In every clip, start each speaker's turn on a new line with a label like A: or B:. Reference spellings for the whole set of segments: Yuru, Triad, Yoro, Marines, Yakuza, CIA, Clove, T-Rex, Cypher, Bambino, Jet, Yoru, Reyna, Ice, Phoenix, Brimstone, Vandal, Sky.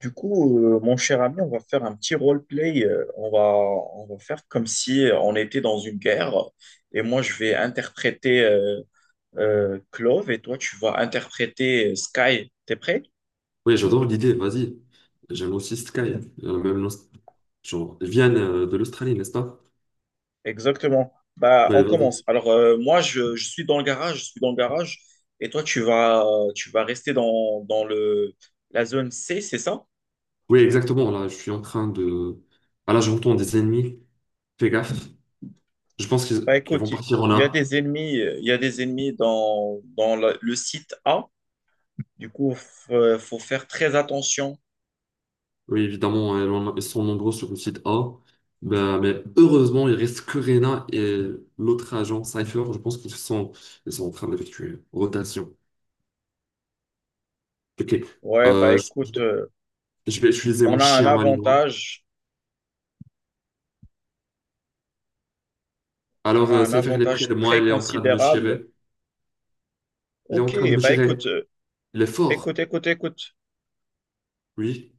A: Du coup, mon cher ami, on va faire un petit roleplay. On va, on va faire comme si on était dans une guerre. Et moi, je vais interpréter Clove, et toi, tu vas interpréter Sky. T'es prêt?
B: Oui, j'adore l'idée, vas-y. J'aime aussi Sky, hein. Même genre, ils viennent de l'Australie, n'est-ce pas?
A: Exactement. Bah,
B: Oui,
A: on commence.
B: vas-y.
A: Alors, moi, je suis dans le garage. Je suis dans le garage. Et toi, tu vas rester dans la zone C, c'est ça?
B: Oui, exactement, là, je suis en train de... Ah là, j'entends des ennemis, fais gaffe. Je pense qu'ils
A: Bah,
B: qu'ils
A: écoute,
B: vont
A: il
B: partir en
A: y a
B: A.
A: des ennemis, il y a des ennemis dans le site A. Du coup, faut faire très attention.
B: Oui, évidemment, ils sont nombreux sur le site A. Ben, mais heureusement, il reste que Reyna et l'autre agent, Cypher, je pense ils sont en train d'effectuer une rotation. Ok.
A: Ouais, bah
B: Euh, je
A: écoute,
B: je vais utiliser mon
A: on a un
B: chien malinois.
A: avantage, on
B: Alors,
A: a un
B: Cypher, il est près
A: avantage
B: de moi,
A: très
B: il est en train de me
A: considérable.
B: tirer. Il est en
A: Ok,
B: train de me
A: bah
B: tirer.
A: écoute,
B: Il est fort.
A: écoute, écoute, écoute.
B: Oui.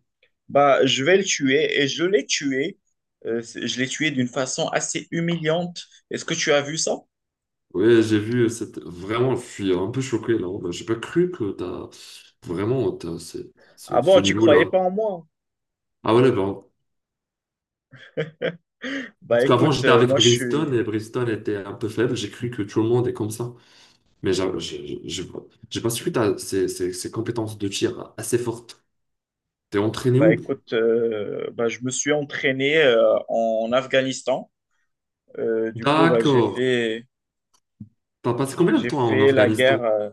A: Bah, je vais le tuer et je l'ai tué. Je l'ai tué d'une façon assez humiliante. Est-ce que tu as vu ça?
B: Oui, j'ai vu cette... Vraiment, je suis un peu choqué là. Ben, j'ai pas cru que t'as... Vraiment, t'as
A: Ah
B: ce
A: bon, tu croyais
B: niveau-là.
A: pas en moi?
B: Ah ouais, bon.
A: Bah
B: Parce qu'avant,
A: écoute,
B: j'étais avec
A: moi je
B: Brimstone
A: suis,
B: et Brimstone était un peu faible. J'ai cru que tout le monde est comme ça. Mais j'ai pas su que t'as ces compétences de tir assez fortes. T'es entraîné
A: bah
B: où?
A: écoute, bah, je me suis entraîné en Afghanistan. Du coup, bah,
B: D'accord. T'as passé combien de
A: j'ai
B: temps en
A: fait la guerre.
B: Afghanistan?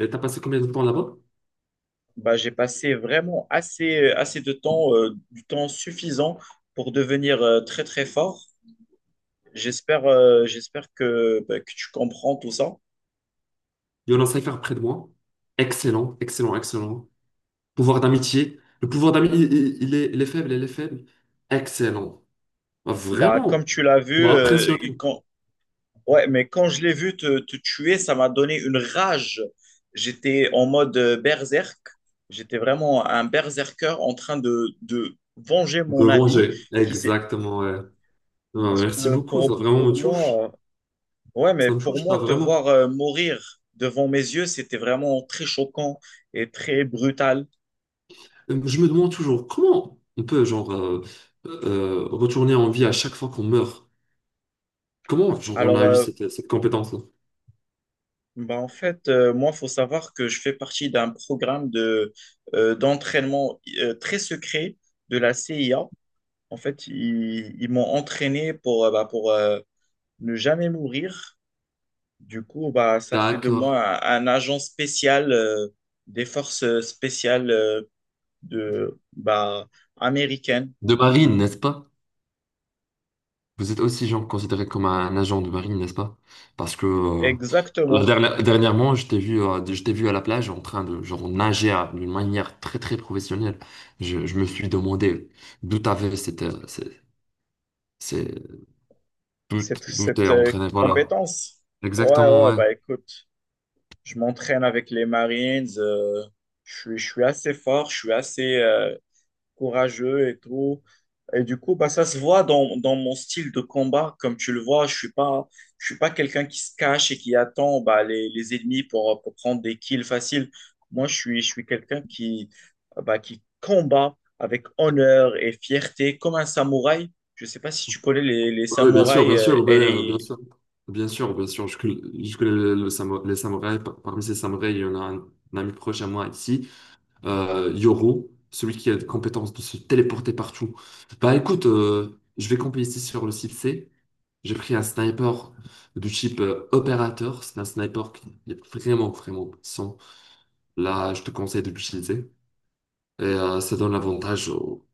B: Et t'as passé combien de temps là-bas?
A: Bah, j'ai passé vraiment assez de temps, du temps suffisant pour devenir très très fort. J'espère j'espère que, bah, que tu comprends tout ça.
B: Il y en a un cypher près de moi. Excellent, excellent, excellent. Pouvoir d'amitié. Le pouvoir d'amitié, il est faible, il est faible. Excellent. Ah,
A: Bah, comme
B: vraiment.
A: tu l'as vu,
B: Tu m'as impressionné.
A: quand... ouais, mais quand je l'ai vu te tuer, ça m'a donné une rage. J'étais en mode berserk. J'étais vraiment un berserker en train de venger
B: De
A: mon ami
B: venger.
A: qui s'est...
B: Exactement, ouais. Ah,
A: Parce
B: merci
A: que
B: beaucoup. Ça vraiment me
A: pour
B: touche.
A: moi... Ouais, mais
B: Ça me
A: pour
B: touche, ça
A: moi, te
B: vraiment.
A: voir mourir devant mes yeux, c'était vraiment très choquant et très brutal.
B: Je me demande toujours comment on peut, genre, retourner en vie à chaque fois qu'on meurt. Comment, genre, on
A: Alors,
B: a eu cette compétence-là?
A: bah, en fait, moi, faut savoir que je fais partie d'un programme d'entraînement très secret de la CIA. En fait, ils m'ont entraîné bah, pour ne jamais mourir. Du coup, bah, ça fait de
B: D'accord.
A: moi un agent spécial des forces spéciales de, bah, américaines.
B: De marine, n'est-ce pas? Vous êtes aussi genre considéré comme un agent de marine, n'est-ce pas? Parce que
A: Exactement.
B: dernièrement, je t'ai vu à la plage en train de genre nager d'une manière très très professionnelle. Je me suis demandé d'où t'avais cette, c'est,
A: Cette,
B: d'où t'es
A: cette
B: entraîné. Voilà.
A: compétence? Ouais,
B: Exactement,
A: ouais,
B: ouais.
A: bah écoute, je m'entraîne avec les Marines, je suis assez fort, je suis assez courageux et tout. Et du coup, bah, ça se voit dans mon style de combat. Comme tu le vois, je suis pas quelqu'un qui se cache et qui attend bah, les ennemis pour prendre des kills faciles. Moi, je suis quelqu'un qui, bah, qui combat avec honneur et fierté, comme un samouraï. Je sais pas si tu connais les
B: Oui,
A: samouraïs
B: bien sûr, ben,
A: et les,
B: bien, sûr, bien sûr, bien sûr. Je connais les samouraïs. Parmi ces samouraïs, il y en a un ami proche à moi ici. Yoro, celui qui a la compétence de se téléporter partout. Bah écoute, je vais camper ici sur le site C. J'ai pris un sniper du type opérateur. C'est un sniper qui est vraiment, vraiment puissant. Là, je te conseille de l'utiliser. Et ça donne l'avantage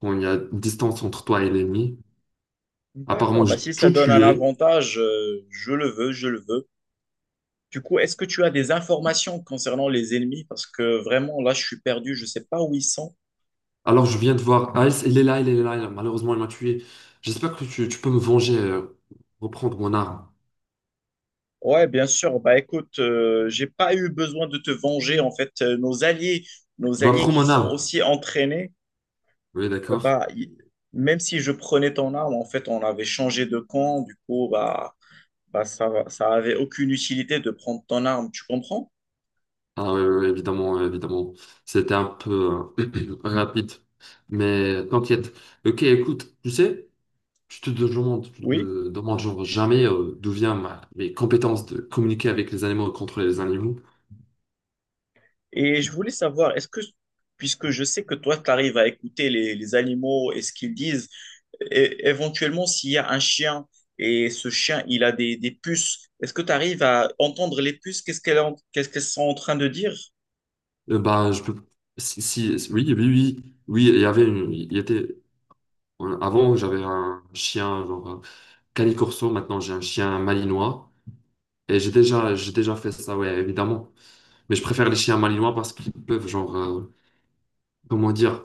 B: quand il y a une distance entre toi et l'ennemi. Apparemment,
A: d'accord, bah,
B: j'ai
A: si ça
B: tout
A: donne un
B: tué.
A: avantage, je le veux, je le veux. Du coup, est-ce que tu as des informations concernant les ennemis? Parce que vraiment, là, je suis perdu, je ne sais pas où ils sont.
B: Alors, je viens de voir Ice. Il est là, il est là, il est là. Malheureusement, il m'a tué. J'espère que tu peux me venger, reprendre mon arme.
A: Ouais, bien sûr. Bah écoute, j'ai pas eu besoin de te venger. En fait, nos
B: Bah,
A: alliés
B: prends
A: qui
B: mon
A: sont
B: arme.
A: aussi entraînés,
B: Oui,
A: euh,
B: d'accord.
A: bah y- même si je prenais ton arme, en fait, on avait changé de camp. Du coup, bah, bah ça, ça avait aucune utilité de prendre ton arme. Tu comprends?
B: Ah oui, oui, oui, évidemment, oui, évidemment. C'était un peu rapide. Mais t'inquiète. Ok, écoute, tu sais, tu
A: Oui.
B: te demandes genre jamais d'où viennent mes compétences de communiquer avec les animaux et contrôler les animaux.
A: Et je voulais savoir, puisque je sais que toi, tu arrives à écouter les animaux et ce qu'ils disent, éventuellement, s'il y a un chien et ce chien, il a des puces, est-ce que tu arrives à entendre les puces? Qu'est-ce qu'elles sont en train de dire?
B: Bah, je peux. Si, oui, oui, oui, oui, il y avait une. Il y était. Avant, j'avais un chien, genre canicorso. Maintenant, j'ai un chien malinois. Et j'ai déjà fait ça, ouais, évidemment. Mais je préfère les chiens malinois parce qu'ils peuvent, genre, comment dire,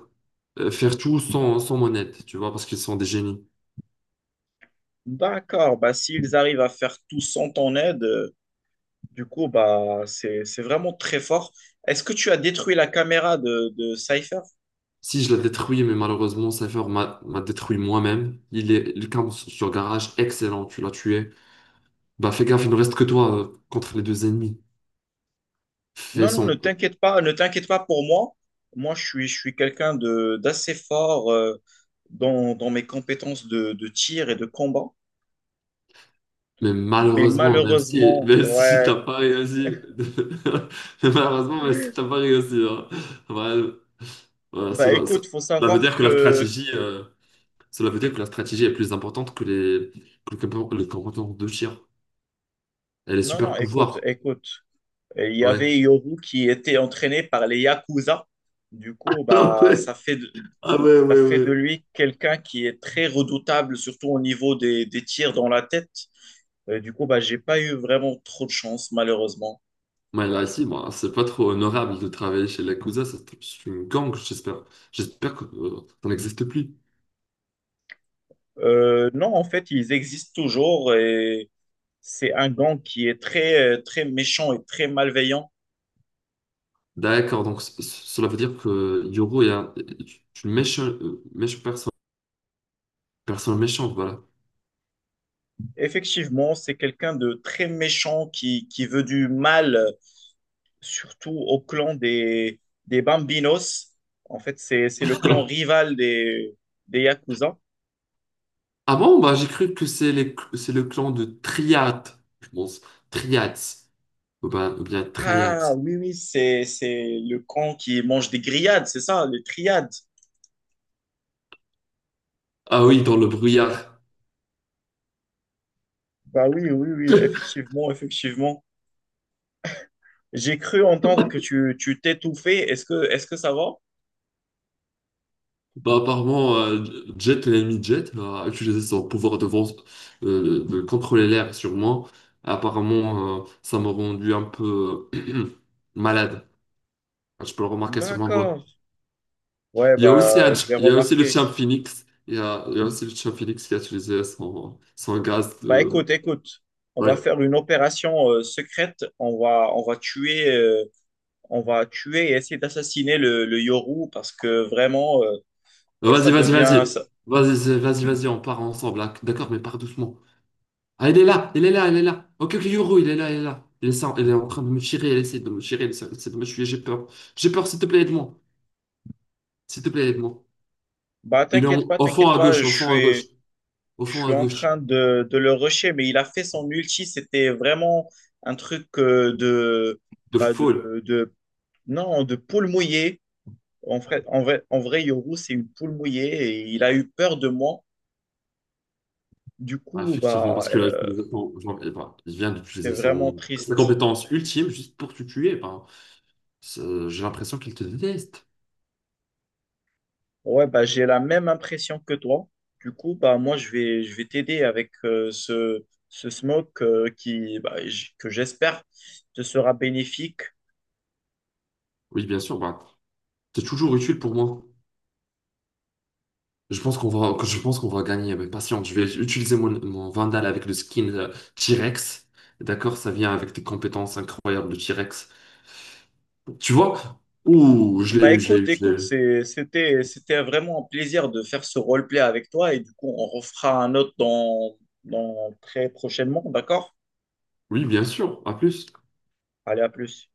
B: faire tout sans mon aide, tu vois, parce qu'ils sont des génies.
A: D'accord, bah, s'ils arrivent à faire tout sans ton aide, du coup, bah, c'est vraiment très fort. Est-ce que tu as détruit la caméra de Cypher?
B: Si je la détruis, mais malheureusement, Cypher m'a détruit moi-même. Il est le camp sur garage, excellent, tu l'as tué. Bah fais gaffe, il ne reste que toi contre les deux ennemis. Fais
A: Non, non, ne
B: son...
A: t'inquiète pas, ne t'inquiète pas pour moi. Moi, je suis quelqu'un de d'assez fort dans, dans mes compétences de tir et de combat.
B: Mais
A: Mais
B: malheureusement, même si,
A: malheureusement,
B: même si
A: ouais.
B: t'as pas réussi, mais malheureusement, même si t'as pas réussi, hein. Voilà, voilà,
A: Bah
B: cela, ce-
A: écoute, faut
B: cela veut
A: savoir
B: dire que la
A: que.
B: stratégie, cela veut dire que la stratégie est plus importante que que le comportement de tir. Elle est
A: Non, non,
B: super
A: écoute,
B: pouvoir.
A: écoute. Il y
B: Ouais.
A: avait Yoru qui était entraîné par les Yakuza. Du coup,
B: Ah
A: bah,
B: ouais. Ah ouais,
A: ça
B: ouais,
A: fait
B: ouais.
A: de lui quelqu'un qui est très redoutable, surtout au niveau des tirs dans la tête. Du coup, bah, j'ai pas eu vraiment trop de chance, malheureusement.
B: Moi, là, ici, moi, c'est pas trop honorable de travailler chez Yakuza. C'est une gang, j'espère. J'espère que ça n'existe plus.
A: Non, en fait, ils existent toujours et c'est un gang qui est très, très méchant et très malveillant.
B: D'accord, donc cela veut dire que Yoro est, est une méchante personne. Personne méchante, voilà.
A: Effectivement, c'est quelqu'un de très méchant qui veut du mal, surtout au clan des Bambinos. En fait, c'est le clan rival des Yakuza.
B: Ah bon, bah, j'ai cru que c'est c'est le clan de Triad, je pense. Triads. Ou ou bien
A: Ah
B: Triads.
A: oui, oui, c'est le clan qui mange des grillades, c'est ça, les triades.
B: Ah oui, dans le brouillard.
A: Bah oui, oui, oui, effectivement, effectivement. J'ai cru entendre que tu t'étouffais. Est-ce que ça va?
B: Bah, apparemment, Jet, l'ennemi de Jet, a utilisé son pouvoir de, de contrôler l'air sur moi. Apparemment, ça m'a rendu un peu malade. Ah, je peux le remarquer sur ma
A: D'accord.
B: voix.
A: Ouais,
B: Il y a aussi,
A: bah je l'ai
B: il y a aussi le
A: remarqué.
B: champ Phoenix. Il y a aussi le champ Phoenix qui a utilisé son, son gaz
A: Bah
B: de...
A: écoute, écoute, on
B: Ouais.
A: va faire une opération secrète. On va tuer et essayer d'assassiner le Yoru parce que vraiment ça
B: Vas-y, vas-y,
A: devient
B: vas-y.
A: ça-
B: Vas-y, vas-y, vas-y, on part ensemble là. D'accord, mais pars doucement. Ah, il est là, il est là, il est là. Ok, ok, Yuru, il est là, il est là. Il est en train de me tirer, il essaie de me tirer, il essaie de me tuer, j'ai peur. J'ai peur, s'il te plaît, aide-moi. S'il te plaît, aide-moi.
A: bah
B: Au fond
A: t'inquiète
B: à
A: pas,
B: gauche,
A: je
B: au fond à gauche,
A: suis.
B: au
A: Je
B: fond à
A: suis en
B: gauche,
A: train de le rusher, mais il a fait son ulti. C'était vraiment un truc
B: de
A: bah
B: foule.
A: de, non, de poule mouillée. En vrai, en vrai, en vrai, Yoru, c'est une poule mouillée et il a eu peur de moi. Du
B: Ah,
A: coup,
B: effectivement,
A: bah,
B: parce que là, je me genre, eh ben, il vient
A: c'est
B: d'utiliser
A: vraiment
B: son... sa
A: triste.
B: compétence ultime juste pour te tuer. Ben, j'ai l'impression qu'il te déteste.
A: Ouais, bah, j'ai la même impression que toi. Du coup, bah, moi, je vais t'aider avec ce, ce smoke qui, que j'espère te sera bénéfique.
B: Oui, bien sûr, bah, t'es toujours utile pour moi. Je pense que je pense qu'on va gagner, mais patience, je vais utiliser mon Vandal avec le skin T-Rex. D'accord, ça vient avec des compétences incroyables de T-Rex. Tu vois? Ouh, je l'ai
A: Bah
B: eu, je l'ai
A: écoute,
B: eu, je l'ai
A: écoute,
B: eu.
A: c'était vraiment un plaisir de faire ce roleplay avec toi et du coup, on refera un autre dans, dans très prochainement, d'accord?
B: Oui, bien sûr, à plus.
A: Allez, à plus.